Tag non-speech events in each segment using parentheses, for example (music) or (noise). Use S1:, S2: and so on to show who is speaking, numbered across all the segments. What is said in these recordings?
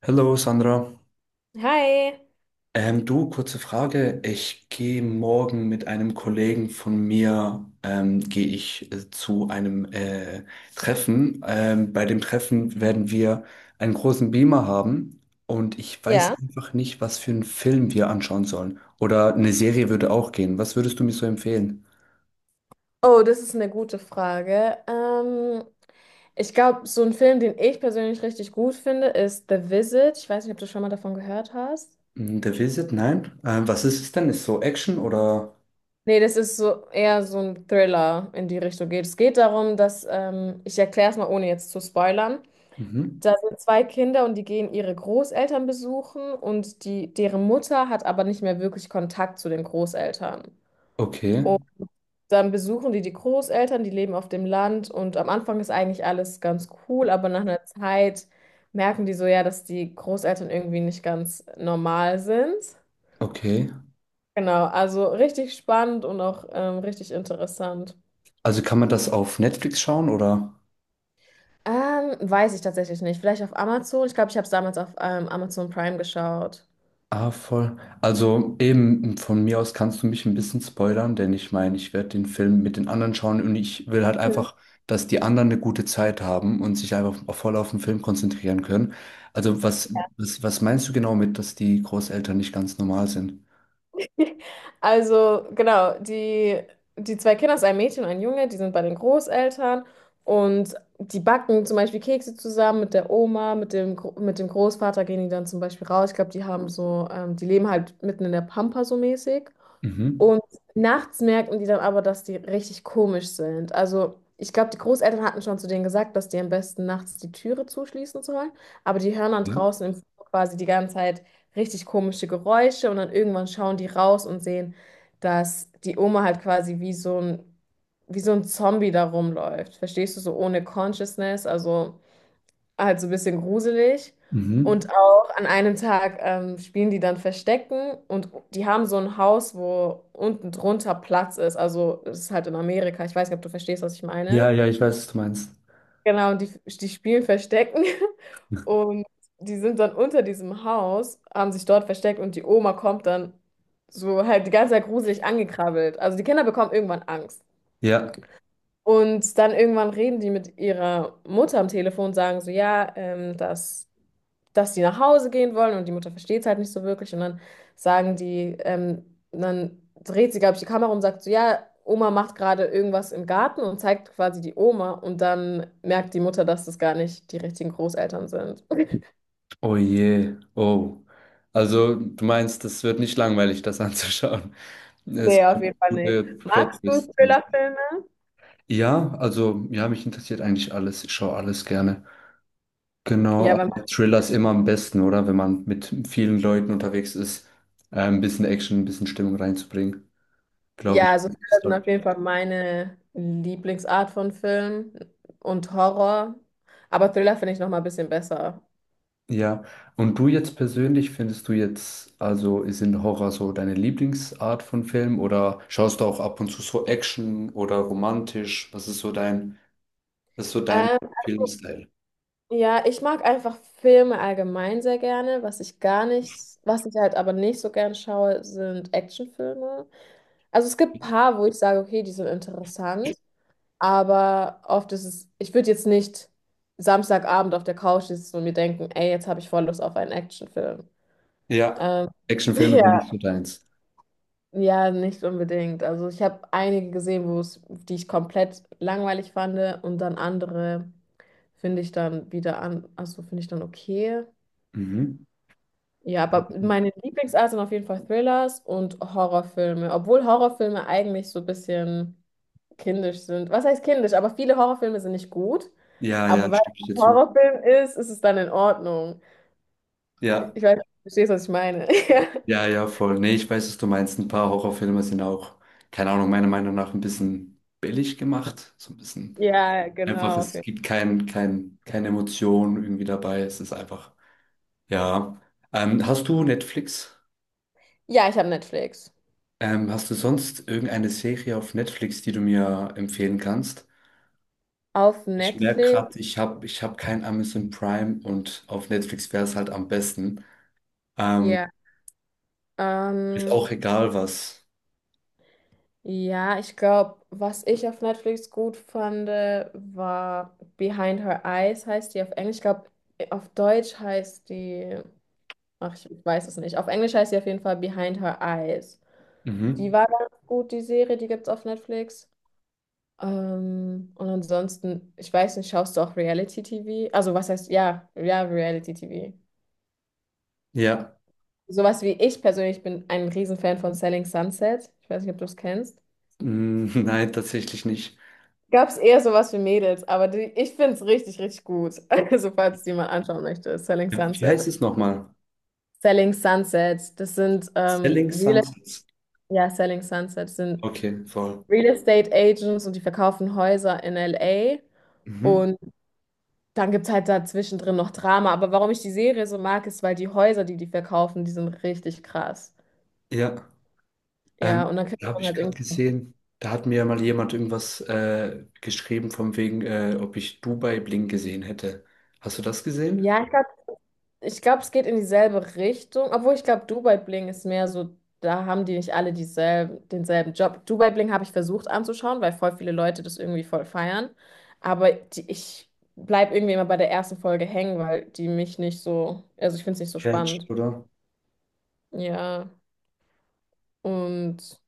S1: Hallo Sandra.
S2: Hi.
S1: Du, kurze Frage. Ich gehe morgen mit einem Kollegen von mir, gehe ich zu einem Treffen. Bei dem Treffen werden wir einen großen Beamer haben und ich weiß
S2: Ja.
S1: einfach nicht, was für einen Film wir anschauen sollen. Oder eine Serie würde auch gehen. Was würdest du mir so empfehlen?
S2: Oh, das ist eine gute Frage. Ich glaube, so ein Film, den ich persönlich richtig gut finde, ist The Visit. Ich weiß nicht, ob du schon mal davon gehört hast.
S1: Mm, The Visit? Nein. Was ist es denn? Ist so Action oder?
S2: Nee, das ist so eher so ein Thriller in die Richtung geht. Es geht darum, dass, ich erkläre es mal, ohne jetzt zu spoilern.
S1: Mhm.
S2: Da sind zwei Kinder und die gehen ihre Großeltern besuchen und die, deren Mutter hat aber nicht mehr wirklich Kontakt zu den Großeltern.
S1: Okay,
S2: Dann besuchen die die Großeltern, die leben auf dem Land und am Anfang ist eigentlich alles ganz cool, aber nach einer Zeit merken die so ja, dass die Großeltern irgendwie nicht ganz normal sind.
S1: okay.
S2: Genau, also richtig spannend und auch richtig interessant.
S1: Also kann man das auf Netflix schauen oder?
S2: Weiß ich tatsächlich nicht. Vielleicht auf Amazon. Ich glaube, ich habe es damals auf Amazon Prime geschaut.
S1: Ah, voll. Also eben von mir aus kannst du mich ein bisschen spoilern, denn ich meine, ich werde den Film mit den anderen schauen und ich will halt einfach, dass die anderen eine gute Zeit haben und sich einfach auf- voll auf den Film konzentrieren können. Also was meinst du genau mit, dass die Großeltern nicht ganz normal sind?
S2: (laughs) Also, genau, die, die zwei Kinder, ist ein Mädchen und ein Junge, die sind bei den Großeltern und die backen zum Beispiel Kekse zusammen mit der Oma, mit dem Großvater gehen die dann zum Beispiel raus. Ich glaube, die haben so, die leben halt mitten in der Pampa so mäßig.
S1: Mhm.
S2: Und nachts merken die dann aber, dass die richtig komisch sind. Also ich glaube, die Großeltern hatten schon zu denen gesagt, dass die am besten nachts die Türe zuschließen sollen. Aber die hören dann
S1: Okay.
S2: draußen im Flur quasi die ganze Zeit richtig komische Geräusche und dann irgendwann schauen die raus und sehen, dass die Oma halt quasi wie so ein Zombie da rumläuft. Verstehst du, so ohne Consciousness, also ein bisschen gruselig.
S1: Mhm.
S2: Und auch an einem Tag spielen die dann Verstecken und die haben so ein Haus, wo unten drunter Platz ist. Also das ist halt in Amerika. Ich weiß nicht, ob du verstehst, was ich
S1: Ja,
S2: meine.
S1: ja, ich weiß, was du meinst.
S2: Genau, und die spielen Verstecken (laughs) und die sind dann unter diesem Haus, haben sich dort versteckt und die Oma kommt dann so halt die ganze Zeit gruselig angekrabbelt. Also die Kinder bekommen irgendwann Angst.
S1: Ja.
S2: Und dann irgendwann reden die mit ihrer Mutter am Telefon und sagen so, ja, dass die nach Hause gehen wollen und die Mutter versteht es halt nicht so wirklich. Und dann sagen die, dann dreht sie, glaube ich, die Kamera um und sagt so, ja, Oma macht gerade irgendwas im Garten und zeigt quasi die Oma. Und dann merkt die Mutter, dass das gar nicht die richtigen Großeltern sind.
S1: Oh je. Oh. Also du meinst, das wird nicht langweilig, das anzuschauen. Es
S2: Nee, auf
S1: kommt
S2: jeden Fall nicht.
S1: gute
S2: Magst du
S1: Plot-Twists.
S2: Thriller-Filme?
S1: Ja, also ja, mich interessiert eigentlich alles. Ich schaue alles gerne. Genau,
S2: Ja, weil
S1: aber Thriller ist immer am besten, oder? Wenn man mit vielen Leuten unterwegs ist, ein bisschen Action, ein bisschen Stimmung reinzubringen, glaube
S2: ja,
S1: ich.
S2: also Thriller
S1: Ist
S2: sind
S1: grad
S2: auf jeden Fall
S1: perfekt.
S2: meine Lieblingsart von Film und Horror. Aber Thriller finde ich noch mal ein bisschen besser.
S1: Ja, und du jetzt persönlich, findest du jetzt, also ist in Horror so deine Lieblingsart von Film oder schaust du auch ab und zu so Action oder romantisch? Was ist so dein Filmstyle?
S2: Ja, ich mag einfach Filme allgemein sehr gerne. Was ich halt aber nicht so gern schaue, sind Actionfilme. Also es gibt ein paar, wo ich sage, okay, die sind interessant, aber oft ist es, ich würde jetzt nicht Samstagabend auf der Couch sitzen und mir denken, ey, jetzt habe ich voll Lust auf einen Actionfilm.
S1: Ja,
S2: Ähm, (laughs)
S1: Actionfilme sind
S2: ja,
S1: nicht so deins.
S2: ja, nicht unbedingt. Also ich habe einige gesehen, wo es, die ich komplett langweilig fand und dann andere finde ich dann wieder an, also finde ich dann okay.
S1: Mhm.
S2: Ja, aber meine Lieblingsart sind auf jeden Fall Thrillers und Horrorfilme. Obwohl Horrorfilme eigentlich so ein bisschen kindisch sind. Was heißt kindisch? Aber viele Horrorfilme sind nicht gut.
S1: Ja,
S2: Aber
S1: ja,
S2: weil
S1: stimme ich
S2: es
S1: dir
S2: ein
S1: zu.
S2: Horrorfilm ist, ist es dann in Ordnung.
S1: Ja,
S2: Ich weiß, du verstehst, was ich meine. (laughs)
S1: ja, ja, voll. Nee, ich weiß, was du meinst. Ein paar Horrorfilme sind auch, keine Ahnung, meiner Meinung nach ein bisschen billig gemacht. So ein bisschen
S2: Ja,
S1: einfach,
S2: genau.
S1: es gibt keine Emotion irgendwie dabei. Es ist einfach, ja. Hast du Netflix?
S2: Ja, ich habe Netflix.
S1: Hast du sonst irgendeine Serie auf Netflix, die du mir empfehlen kannst?
S2: Auf
S1: Ich merke
S2: Netflix?
S1: gerade, ich hab kein Amazon Prime und auf Netflix wäre es halt am besten. Ähm,
S2: Ja.
S1: Ist
S2: Ähm,
S1: auch egal was.
S2: Ja, ich glaube, was ich auf Netflix gut fand, war Behind Her Eyes, heißt die auf Englisch. Ich glaube, auf Deutsch heißt die, ach, ich weiß es nicht. Auf Englisch heißt sie auf jeden Fall Behind Her Eyes. Die
S1: Mhm.
S2: war ganz gut, die Serie, die gibt's auf Netflix. Und ansonsten, ich weiß nicht, schaust du auch Reality-TV? Also, was heißt, ja, ja, Reality-TV.
S1: Ja.
S2: Sowas wie ich persönlich bin ein Riesenfan von Selling Sunset. Ich weiß nicht, ob du es kennst.
S1: Mm, (laughs) nein, tatsächlich nicht.
S2: Gab es eher sowas für Mädels, aber die, ich finde es richtig, richtig gut. (laughs) Also, falls die mal anschauen möchte, Selling
S1: Ja. Wie
S2: Sunset.
S1: heißt es nochmal?
S2: Selling Sunset, das sind
S1: Selling
S2: Real,
S1: Sunsets.
S2: ja, Selling Sunset sind
S1: Okay, voll.
S2: Real Estate Agents und die verkaufen Häuser in LA.
S1: Mhm.
S2: Und dann gibt es halt dazwischen drin noch Drama. Aber warum ich die Serie so mag, ist, weil die Häuser, die die verkaufen, die sind richtig krass.
S1: Ja,
S2: Ja,
S1: ähm,
S2: und dann kriegt
S1: da habe
S2: man
S1: ich
S2: halt
S1: gerade
S2: irgendwie.
S1: gesehen, da hat mir mal jemand irgendwas geschrieben von wegen, ob ich Dubai Bling gesehen hätte. Hast du das gesehen?
S2: Ja, ich glaube, es geht in dieselbe Richtung, obwohl ich glaube, Dubai Bling ist mehr so, da haben die nicht alle dieselben, denselben Job. Dubai Bling habe ich versucht anzuschauen, weil voll viele Leute das irgendwie voll feiern. Aber die, ich bleibe irgendwie immer bei der ersten Folge hängen, weil die mich nicht so, also ich finde es nicht so
S1: Catch,
S2: spannend.
S1: oder?
S2: Ja, und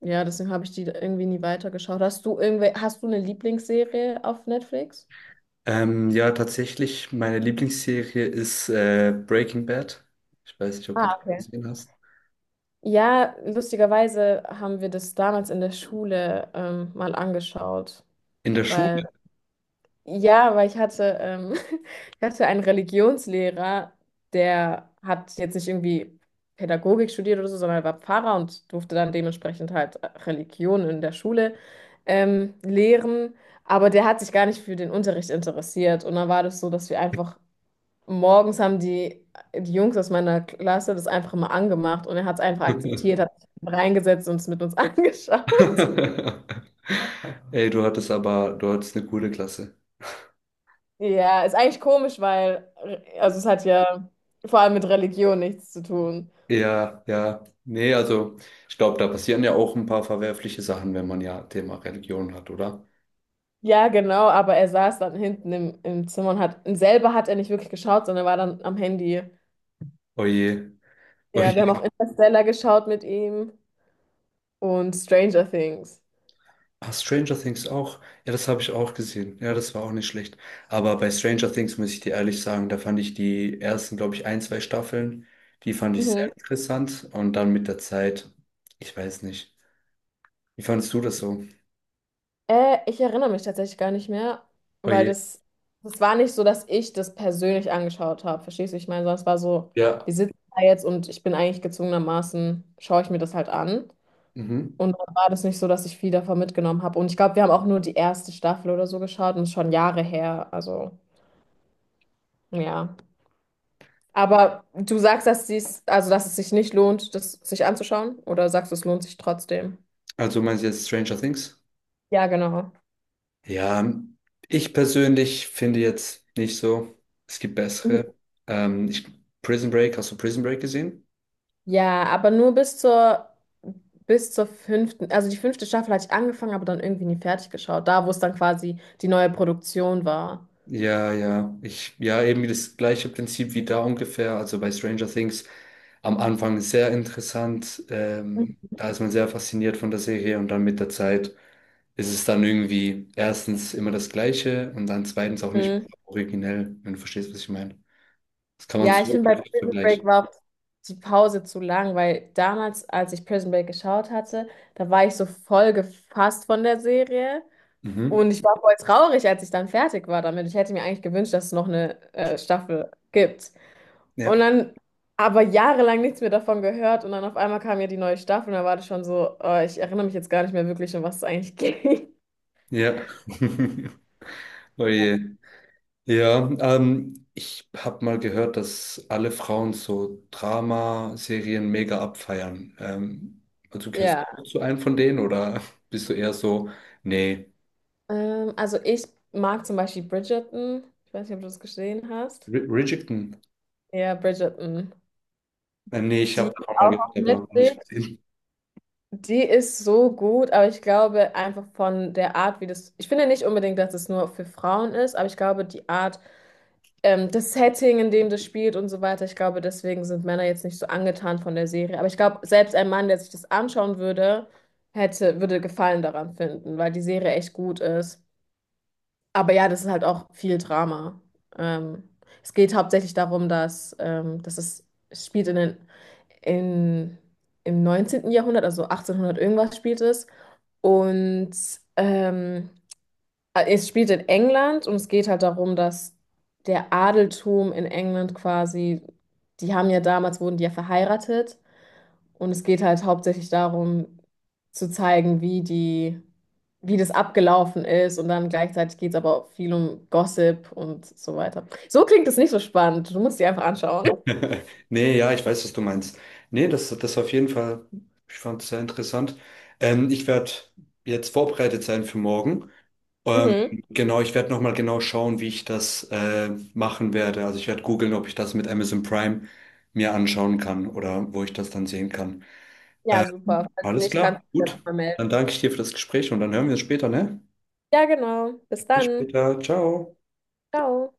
S2: ja, deswegen habe ich die irgendwie nie weitergeschaut. Hast du irgendwie, hast du eine Lieblingsserie auf Netflix?
S1: Ja, tatsächlich, meine Lieblingsserie ist Breaking Bad. Ich weiß nicht, ob du
S2: Ah,
S1: das
S2: okay.
S1: gesehen hast.
S2: Ja, lustigerweise haben wir das damals in der Schule mal angeschaut.
S1: In der
S2: Weil,
S1: Schule.
S2: ja, weil (laughs) ich hatte einen Religionslehrer, der hat jetzt nicht irgendwie Pädagogik studiert oder so, sondern er war Pfarrer und durfte dann dementsprechend halt Religion in der Schule lehren. Aber der hat sich gar nicht für den Unterricht interessiert. Und dann war das so, dass wir einfach morgens haben die, die Jungs aus meiner Klasse das einfach mal angemacht und er hat es einfach akzeptiert,
S1: (laughs)
S2: hat sich reingesetzt und es mit uns (laughs) angeschaut.
S1: Ey, du hattest eine coole Klasse.
S2: Ja, ist eigentlich komisch, weil, also es hat ja vor allem mit Religion nichts zu tun.
S1: Ja, ja. Nee, also ich glaube, da passieren ja auch ein paar verwerfliche Sachen, wenn man ja Thema Religion hat, oder?
S2: Ja, genau, aber er saß dann hinten im Zimmer und selber hat er nicht wirklich geschaut, sondern war dann am Handy.
S1: Oje,
S2: Ja, wir haben auch
S1: oje.
S2: Interstellar geschaut mit ihm und Stranger Things.
S1: Ah, Stranger Things auch. Ja, das habe ich auch gesehen. Ja, das war auch nicht schlecht. Aber bei Stranger Things muss ich dir ehrlich sagen, da fand ich die ersten, glaube ich, ein, zwei Staffeln, die fand ich sehr
S2: Mhm.
S1: interessant. Und dann mit der Zeit, ich weiß nicht. Wie fandest du das so?
S2: Ich erinnere mich tatsächlich gar nicht mehr, weil
S1: Oje.
S2: das war nicht so, dass ich das persönlich angeschaut habe. Verstehst du? Ich meine, sondern es war so,
S1: Ja.
S2: wir sitzen da jetzt und ich bin eigentlich gezwungenermaßen, schaue ich mir das halt an.
S1: Mhm.
S2: Und dann war das nicht so, dass ich viel davon mitgenommen habe. Und ich glaube, wir haben auch nur die erste Staffel oder so geschaut und es ist schon Jahre her. Also, ja. Aber du sagst, also dass es sich nicht lohnt, das sich anzuschauen? Oder sagst du, es lohnt sich trotzdem?
S1: Also meinst du jetzt Stranger Things?
S2: Ja, genau.
S1: Ja, ich persönlich finde jetzt nicht so. Es gibt
S2: Mhm.
S1: bessere. Ähm, ich, Prison Break, hast du Prison Break gesehen?
S2: Ja, aber nur bis zur fünften, also die fünfte Staffel hatte ich angefangen, aber dann irgendwie nie fertig geschaut. Da, wo es dann quasi die neue Produktion war.
S1: Ja, eben das gleiche Prinzip wie da ungefähr. Also bei Stranger Things am Anfang sehr interessant. Da ist man sehr fasziniert von der Serie und dann mit der Zeit ist es dann irgendwie erstens immer das Gleiche und dann zweitens auch nicht
S2: Mhm.
S1: originell, wenn du verstehst, was ich meine. Das kann man
S2: Ja, ich
S1: so
S2: finde, bei Prison
S1: vergleichen.
S2: Break war auch die Pause zu lang, weil damals, als ich Prison Break geschaut hatte, da war ich so voll gefasst von der Serie
S1: Mhm.
S2: und ich war voll traurig, als ich dann fertig war damit. Ich hätte mir eigentlich gewünscht, dass es noch eine Staffel gibt. Und
S1: Ja,
S2: dann aber jahrelang nichts mehr davon gehört und dann auf einmal kam ja die neue Staffel und da war das schon so, ich erinnere mich jetzt gar nicht mehr wirklich, um was es eigentlich ging. (laughs)
S1: ja. (laughs) Oh je. Ja, ich habe mal gehört, dass alle Frauen so Drama-Serien mega abfeiern. Also gehörst
S2: Ja,
S1: du zu einem von denen oder (laughs) bist du eher so, nee,
S2: also ich mag zum Beispiel Bridgerton. Ich weiß nicht, ob du das gesehen hast.
S1: R Bridgerton?
S2: Ja, Bridgerton.
S1: Nee, ich habe
S2: Die
S1: davon mal
S2: auch
S1: gehört,
S2: auf
S1: aber noch nicht
S2: Netflix,
S1: gesehen.
S2: die ist so gut, aber ich glaube einfach von der Art, wie das. Ich finde nicht unbedingt, dass es nur für Frauen ist, aber ich glaube, die Art, das Setting, in dem das spielt und so weiter, ich glaube, deswegen sind Männer jetzt nicht so angetan von der Serie. Aber ich glaube, selbst ein Mann, der sich das anschauen würde, hätte, würde Gefallen daran finden, weil die Serie echt gut ist. Aber ja, das ist halt auch viel Drama. Ähm, es geht hauptsächlich darum, dass es spielt in, im neunzehnten Jahrhundert, also 1800 irgendwas spielt es. Und ähm, es spielt in England und es geht halt darum, dass der Adeltum in England quasi, die haben ja damals, wurden die ja verheiratet. Und es geht halt hauptsächlich darum, zu zeigen, wie die, wie das abgelaufen ist. Und dann gleichzeitig geht es aber auch viel um Gossip und so weiter. So klingt es nicht so spannend. Du musst die einfach anschauen.
S1: (laughs) Nee, ja, ich weiß, was du meinst. Nee, das auf jeden Fall, ich fand es sehr interessant. Ich werde jetzt vorbereitet sein für morgen. Ähm,
S2: Mhm.
S1: genau, ich werde nochmal genau schauen, wie ich das machen werde. Also ich werde googeln, ob ich das mit Amazon Prime mir anschauen kann oder wo ich das dann sehen kann.
S2: Ja,
S1: Äh,
S2: super. Falls
S1: Alles
S2: nicht, kannst
S1: klar,
S2: du dich ja
S1: gut.
S2: nochmal
S1: Dann
S2: melden.
S1: danke ich dir für das Gespräch und dann hören wir uns später, ne?
S2: Ja, genau. Bis
S1: Bis
S2: dann.
S1: später, ciao.
S2: Ciao.